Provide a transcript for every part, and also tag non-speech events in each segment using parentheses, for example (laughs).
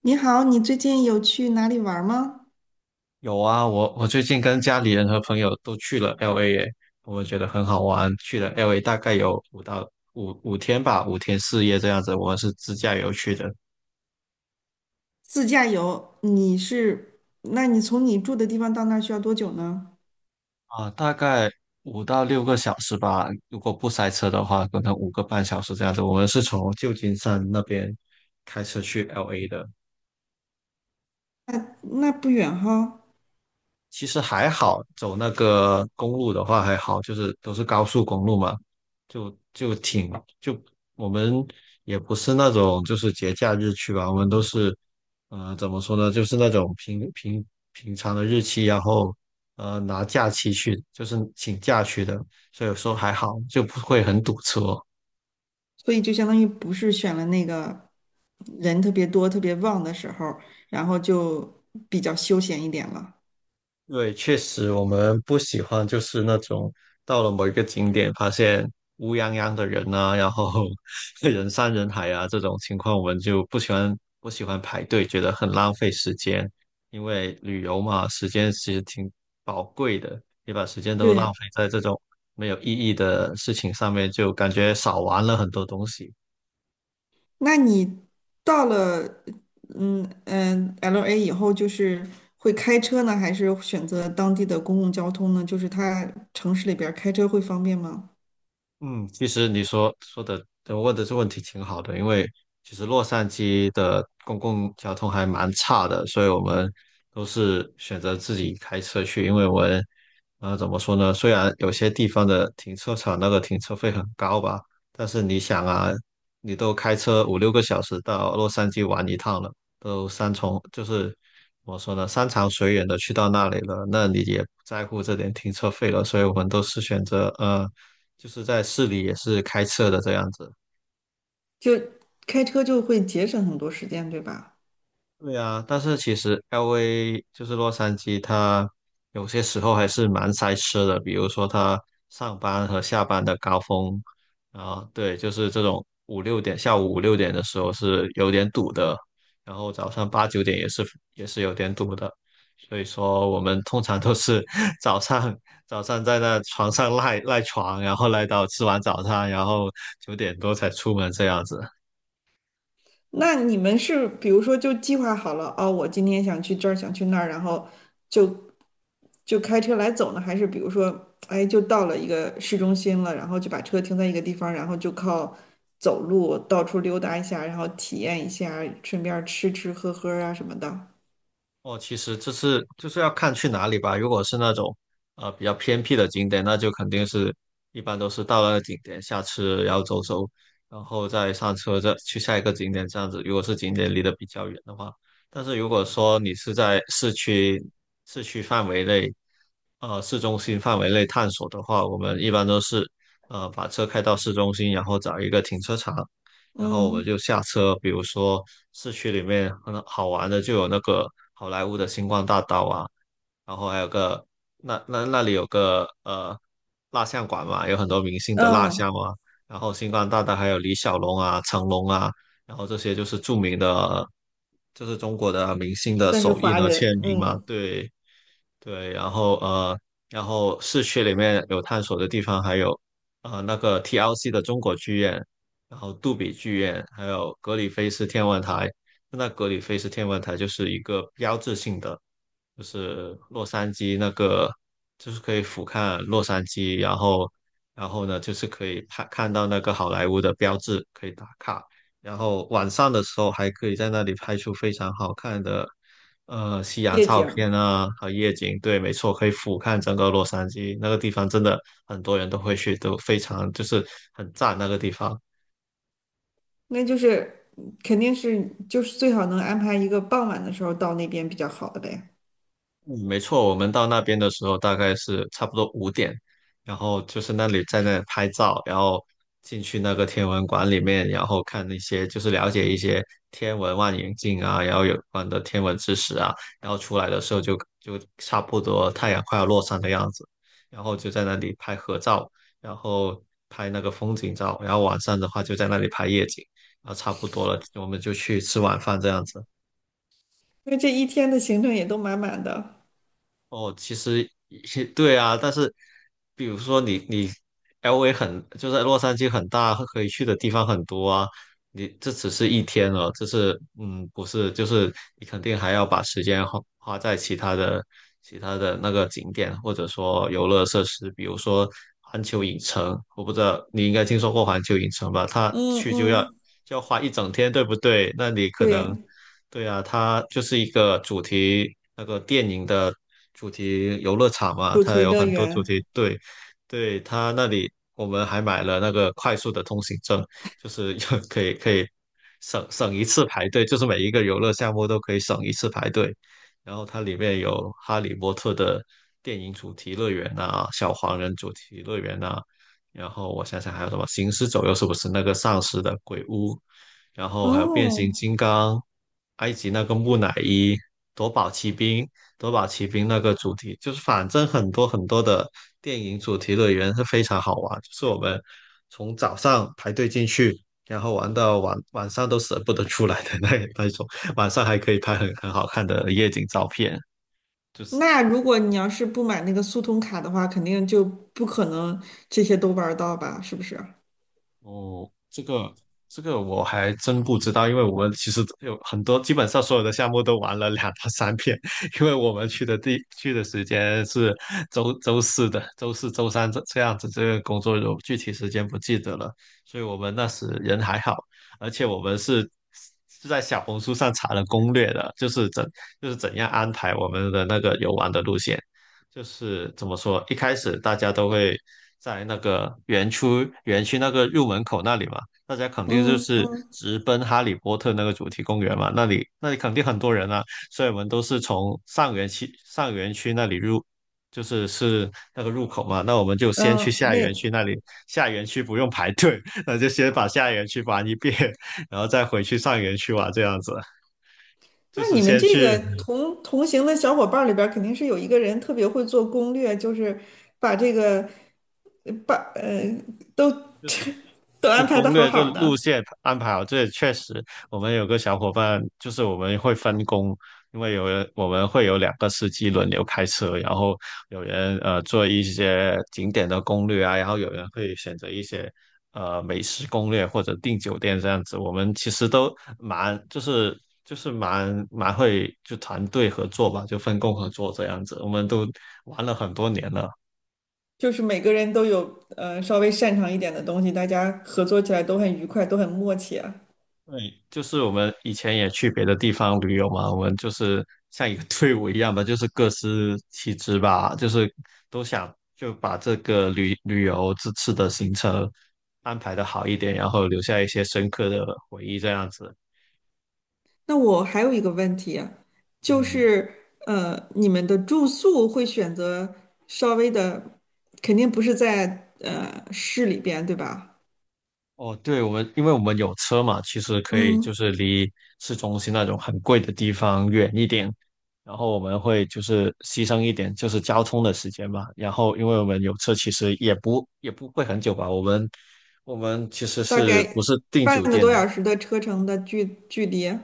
你好，你最近有去哪里玩儿吗？有啊，我最近跟家里人和朋友都去了 LA 耶，我觉得很好玩。去了 LA 大概有五天吧，五天四夜这样子。我们是自驾游去的自驾游，你是，那你从你住的地方到那儿需要多久呢？啊，大概五到六个小时吧，如果不塞车的话，可能五个半小时这样子。我们是从旧金山那边开车去 LA 的，那不远哈。其实还好，走那个公路的话还好，就是都是高速公路嘛，就就挺就我们也不是那种就是节假日去吧，我们都是怎么说呢，就是那种平常的日期，然后拿假期去，就是请假去的，所以有时候还好，就不会很堵车。所以就相当于不是选了那个人特别多、特别旺的时候，然后就比较休闲一点了。对，确实我们不喜欢就是那种到了某一个景点发现乌泱泱的人啊，然后 (laughs) 人山人海啊这种情况，我们就不喜欢排队，觉得很浪费时间。因为旅游嘛，时间其实挺宝贵的，你把时间都对。浪费在这种没有意义的事情上面，就感觉少玩了很多东西。那你到了，嗯嗯，LA 以后，就是会开车呢，还是选择当地的公共交通呢？就是它城市里边儿开车会方便吗？嗯，其实你说说的，呃问的这问题挺好的，因为其实洛杉矶的公共交通还蛮差的，所以我们都是选择自己开车去，因为我们，怎么说呢？虽然有些地方的停车场那个停车费很高吧，但是你想啊，你都开车五六个小时到洛杉矶玩一趟了，都山重就是怎么说呢，山长水远的去到那里了，那你也不在乎这点停车费了，所以我们都是选择。就是在市里也是开车的这样子。就开车就会节省很多时间，对吧？对啊，但是其实 LA 就是洛杉矶，它有些时候还是蛮塞车的，比如说它上班和下班的高峰啊，对，就是这种五六点，下午五六点的时候是有点堵的，然后早上八九点也是有点堵的，所以说我们通常都是 (laughs) 早上早上在那床上赖床，然后赖到吃完早餐，然后九点多才出门这样子。那你们是比如说就计划好了，哦，我今天想去这儿，想去那儿，然后就就开车来走呢，还是比如说，哎，就到了一个市中心了，然后就把车停在一个地方，然后就靠走路到处溜达一下，然后体验一下，顺便吃吃喝喝啊什么的。哦，其实就是要看去哪里吧。如果是那种比较偏僻的景点，那就肯定是一般都是到了那个景点下车，然后走走，然后再上车再去下一个景点这样子。如果是景点离得比较远的话，但是如果说你是在市区范围内，市中心范围内探索的话，我们一般都是把车开到市中心，然后找一个停车场，然后我嗯就下车，比如说市区里面很好玩的就有那个好莱坞的星光大道啊，然后还有个那里有个蜡像馆嘛，有很多明星的蜡嗯，像啊，然后星光大道还有李小龙啊、成龙啊，然后这些就是著名的，就是中国的明星的算是手印华和人，签名嘛，嗯，对，对，然后市区里面有探索的地方，还有那个 TLC 的中国剧院，然后杜比剧院，还有格里菲斯天文台。那格里菲斯天文台就是一个标志性的，就是洛杉矶那个，就是可以俯瞰洛杉矶，然后呢，就是可以看到那个好莱坞的标志，可以打卡。然后晚上的时候还可以在那里拍出非常好看的。夕阳夜照景。片啊和夜景，对，没错，可以俯瞰整个洛杉矶那个地方，真的很多人都会去，都非常就是很赞那个地方。那就是肯定是就是最好能安排一个傍晚的时候到那边比较好的呗。嗯，没错，我们到那边的时候大概是差不多五点，然后就是那里在那里拍照，然后进去那个天文馆里面，然后看那些就是了解一些天文望远镜啊，然后有关的天文知识啊，然后出来的时候就差不多太阳快要落山的样子，然后就在那里拍合照，然后拍那个风景照，然后晚上的话就在那里拍夜景，然后差不多了，我们就去吃晚饭这样子。因为这一天的行程也都满满的。哦，其实也 (laughs) 对啊，但是比如说你 LA 很就是洛杉矶很大，可以去的地方很多啊。你这只是一天哦，这是嗯不是，就是你肯定还要把时间花在其他的那个景点，或者说游乐设施，比如说环球影城，我不知道你应该听说过环球影城吧？它嗯去就要嗯。就要花一整天，对不对？那你可对。能。对啊，它就是一个主题那个电影的主题游乐场嘛，主它题有乐很多主园。题。对，对，它那里我们还买了那个快速的通行证，就是 (laughs) 可以省一次排队，就是每一个游乐项目都可以省一次排队。然后它里面有《哈利波特》的电影主题乐园啊，小黄人主题乐园啊，然后我想想还有什么《行尸走肉》是不是那个丧尸的鬼屋？然后还有变形哦，金刚、埃及那个木乃伊、夺宝奇兵、夺宝奇兵那个主题，就是反正很多很多的电影主题乐园是非常好玩，就是我们从早上排队进去，然后玩到晚上都舍不得出来的那种，晚上还可以拍很好看的夜景照片，就是那如果你要是不买那个速通卡的话，肯定就不可能这些都玩儿到吧？是不是？哦，这个我还真不知道，因为我们其实有很多，基本上所有的项目都玩了2到3遍，(laughs) 因为我们去的时间是周四的，周四周三这样子，这个工作有具体时间不记得了，所以我们那时人还好，而且我们是在小红书上查了攻略的，就是怎样安排我们的那个游玩的路线，就是怎么说，一开始大家都会在那个园区那个入门口那里嘛，大家肯定就嗯是嗯直奔哈利波特那个主题公园嘛，那里肯定很多人啊，所以我们都是从上园区那里入，就是那个入口嘛，那我们就先去嗯。下园那区那里，下园区不用排队，(laughs) 那就先把下园区玩一遍，然后再回去上园区玩，这样子，那就是你们先这去。个同行的小伙伴儿里边儿，肯定是有一个人特别会做攻略，就是把这个把。都。就是。都就安排攻的好略这好路的。线安排好，这也确实，我们有个小伙伴，就是我们会分工，因为有人我们会有两个司机轮流开车，然后有人做一些景点的攻略啊，然后有人会选择一些美食攻略或者订酒店这样子。我们其实都蛮就是就是蛮蛮会就团队合作吧，就分工合作这样子，我们都玩了很多年了。就是每个人都有稍微擅长一点的东西，大家合作起来都很愉快，都很默契啊。对，就是我们以前也去别的地方旅游嘛，我们就是像一个 (laughs) 队伍一样吧，就是各司其职吧，就是都想就把这个旅游这次的行程安排的好一点，然后留下一些深刻的回忆这样子。那我还有一个问题啊，就嗯。是你们的住宿会选择稍微的，肯定不是在市里边，对吧？哦，对，因为我们有车嘛，其实可以嗯，就是离市中心那种很贵的地方远一点，然后我们会就是牺牲一点就是交通的时间嘛。然后因为我们有车，其实也不会很久吧。我们其实大是不概是订半酒个店多的，小时的车程的距离。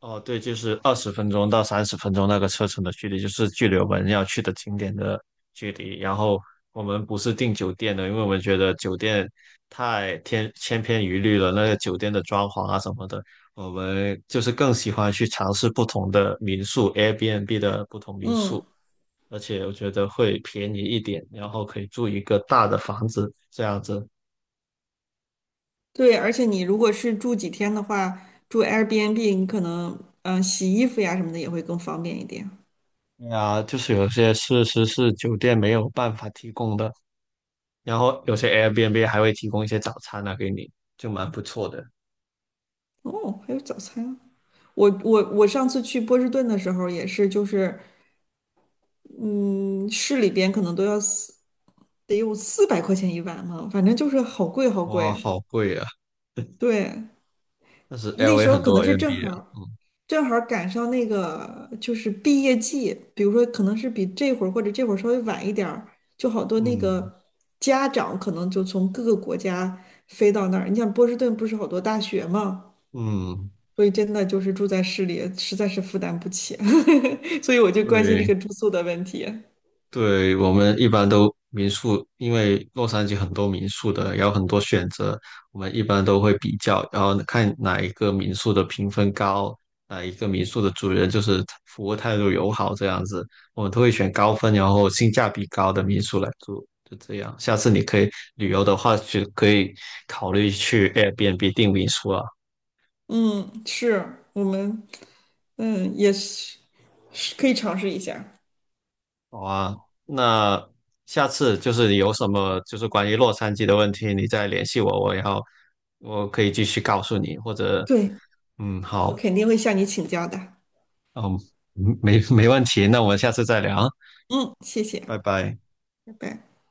哦，对，就是20分钟到30分钟那个车程的距离，就是距离我们要去的景点的距离。然后我们不是订酒店的，因为我们觉得酒店千篇一律了，那个酒店的装潢啊什么的，我们就是更喜欢去尝试不同的民宿，Airbnb 的不同民宿，嗯，而且我觉得会便宜一点，然后可以住一个大的房子这样子。对，而且你如果是住几天的话，住 Airbnb，你可能嗯、洗衣服呀什么的也会更方便一点。对啊，就是有些设施是酒店没有办法提供的。然后有些 Airbnb 还会提供一些早餐啊给你，就蛮不错的。哦，还有早餐啊。我上次去波士顿的时候也是，就是嗯，市里边可能都要四得有400块钱一碗嘛，反正就是好贵好哇，贵。好贵啊！对。但是 那 LA 时候很可能多 是正 Airbnb 啊，好正好赶上那个就是毕业季，比如说可能是比这会儿或者这会儿稍微晚一点儿，就好多那嗯嗯个家长可能就从各个国家飞到那儿。你像波士顿不是好多大学嘛，嗯，所以真的就是住在市里实在是负担不起，(laughs) 所以我就关心这对。个住宿的问题。对，我们一般都民宿，因为洛杉矶很多民宿的，也有很多选择，我们一般都会比较，然后看哪一个民宿的评分高，哪一个民宿的主人就是服务态度友好这样子，我们都会选高分，然后性价比高的民宿来住，就这样。下次你可以旅游的话，就可以考虑去 Airbnb 订民宿啊。嗯，是我们，嗯，也是是可以尝试一下。好啊，那下次就是你有什么就是关于洛杉矶的问题，你再联系我，然后我可以继续告诉你，或者对，嗯，我好，肯定会向你请教的。嗯，没问题，那我们下次再聊啊，嗯，谢谢，拜拜。拜拜。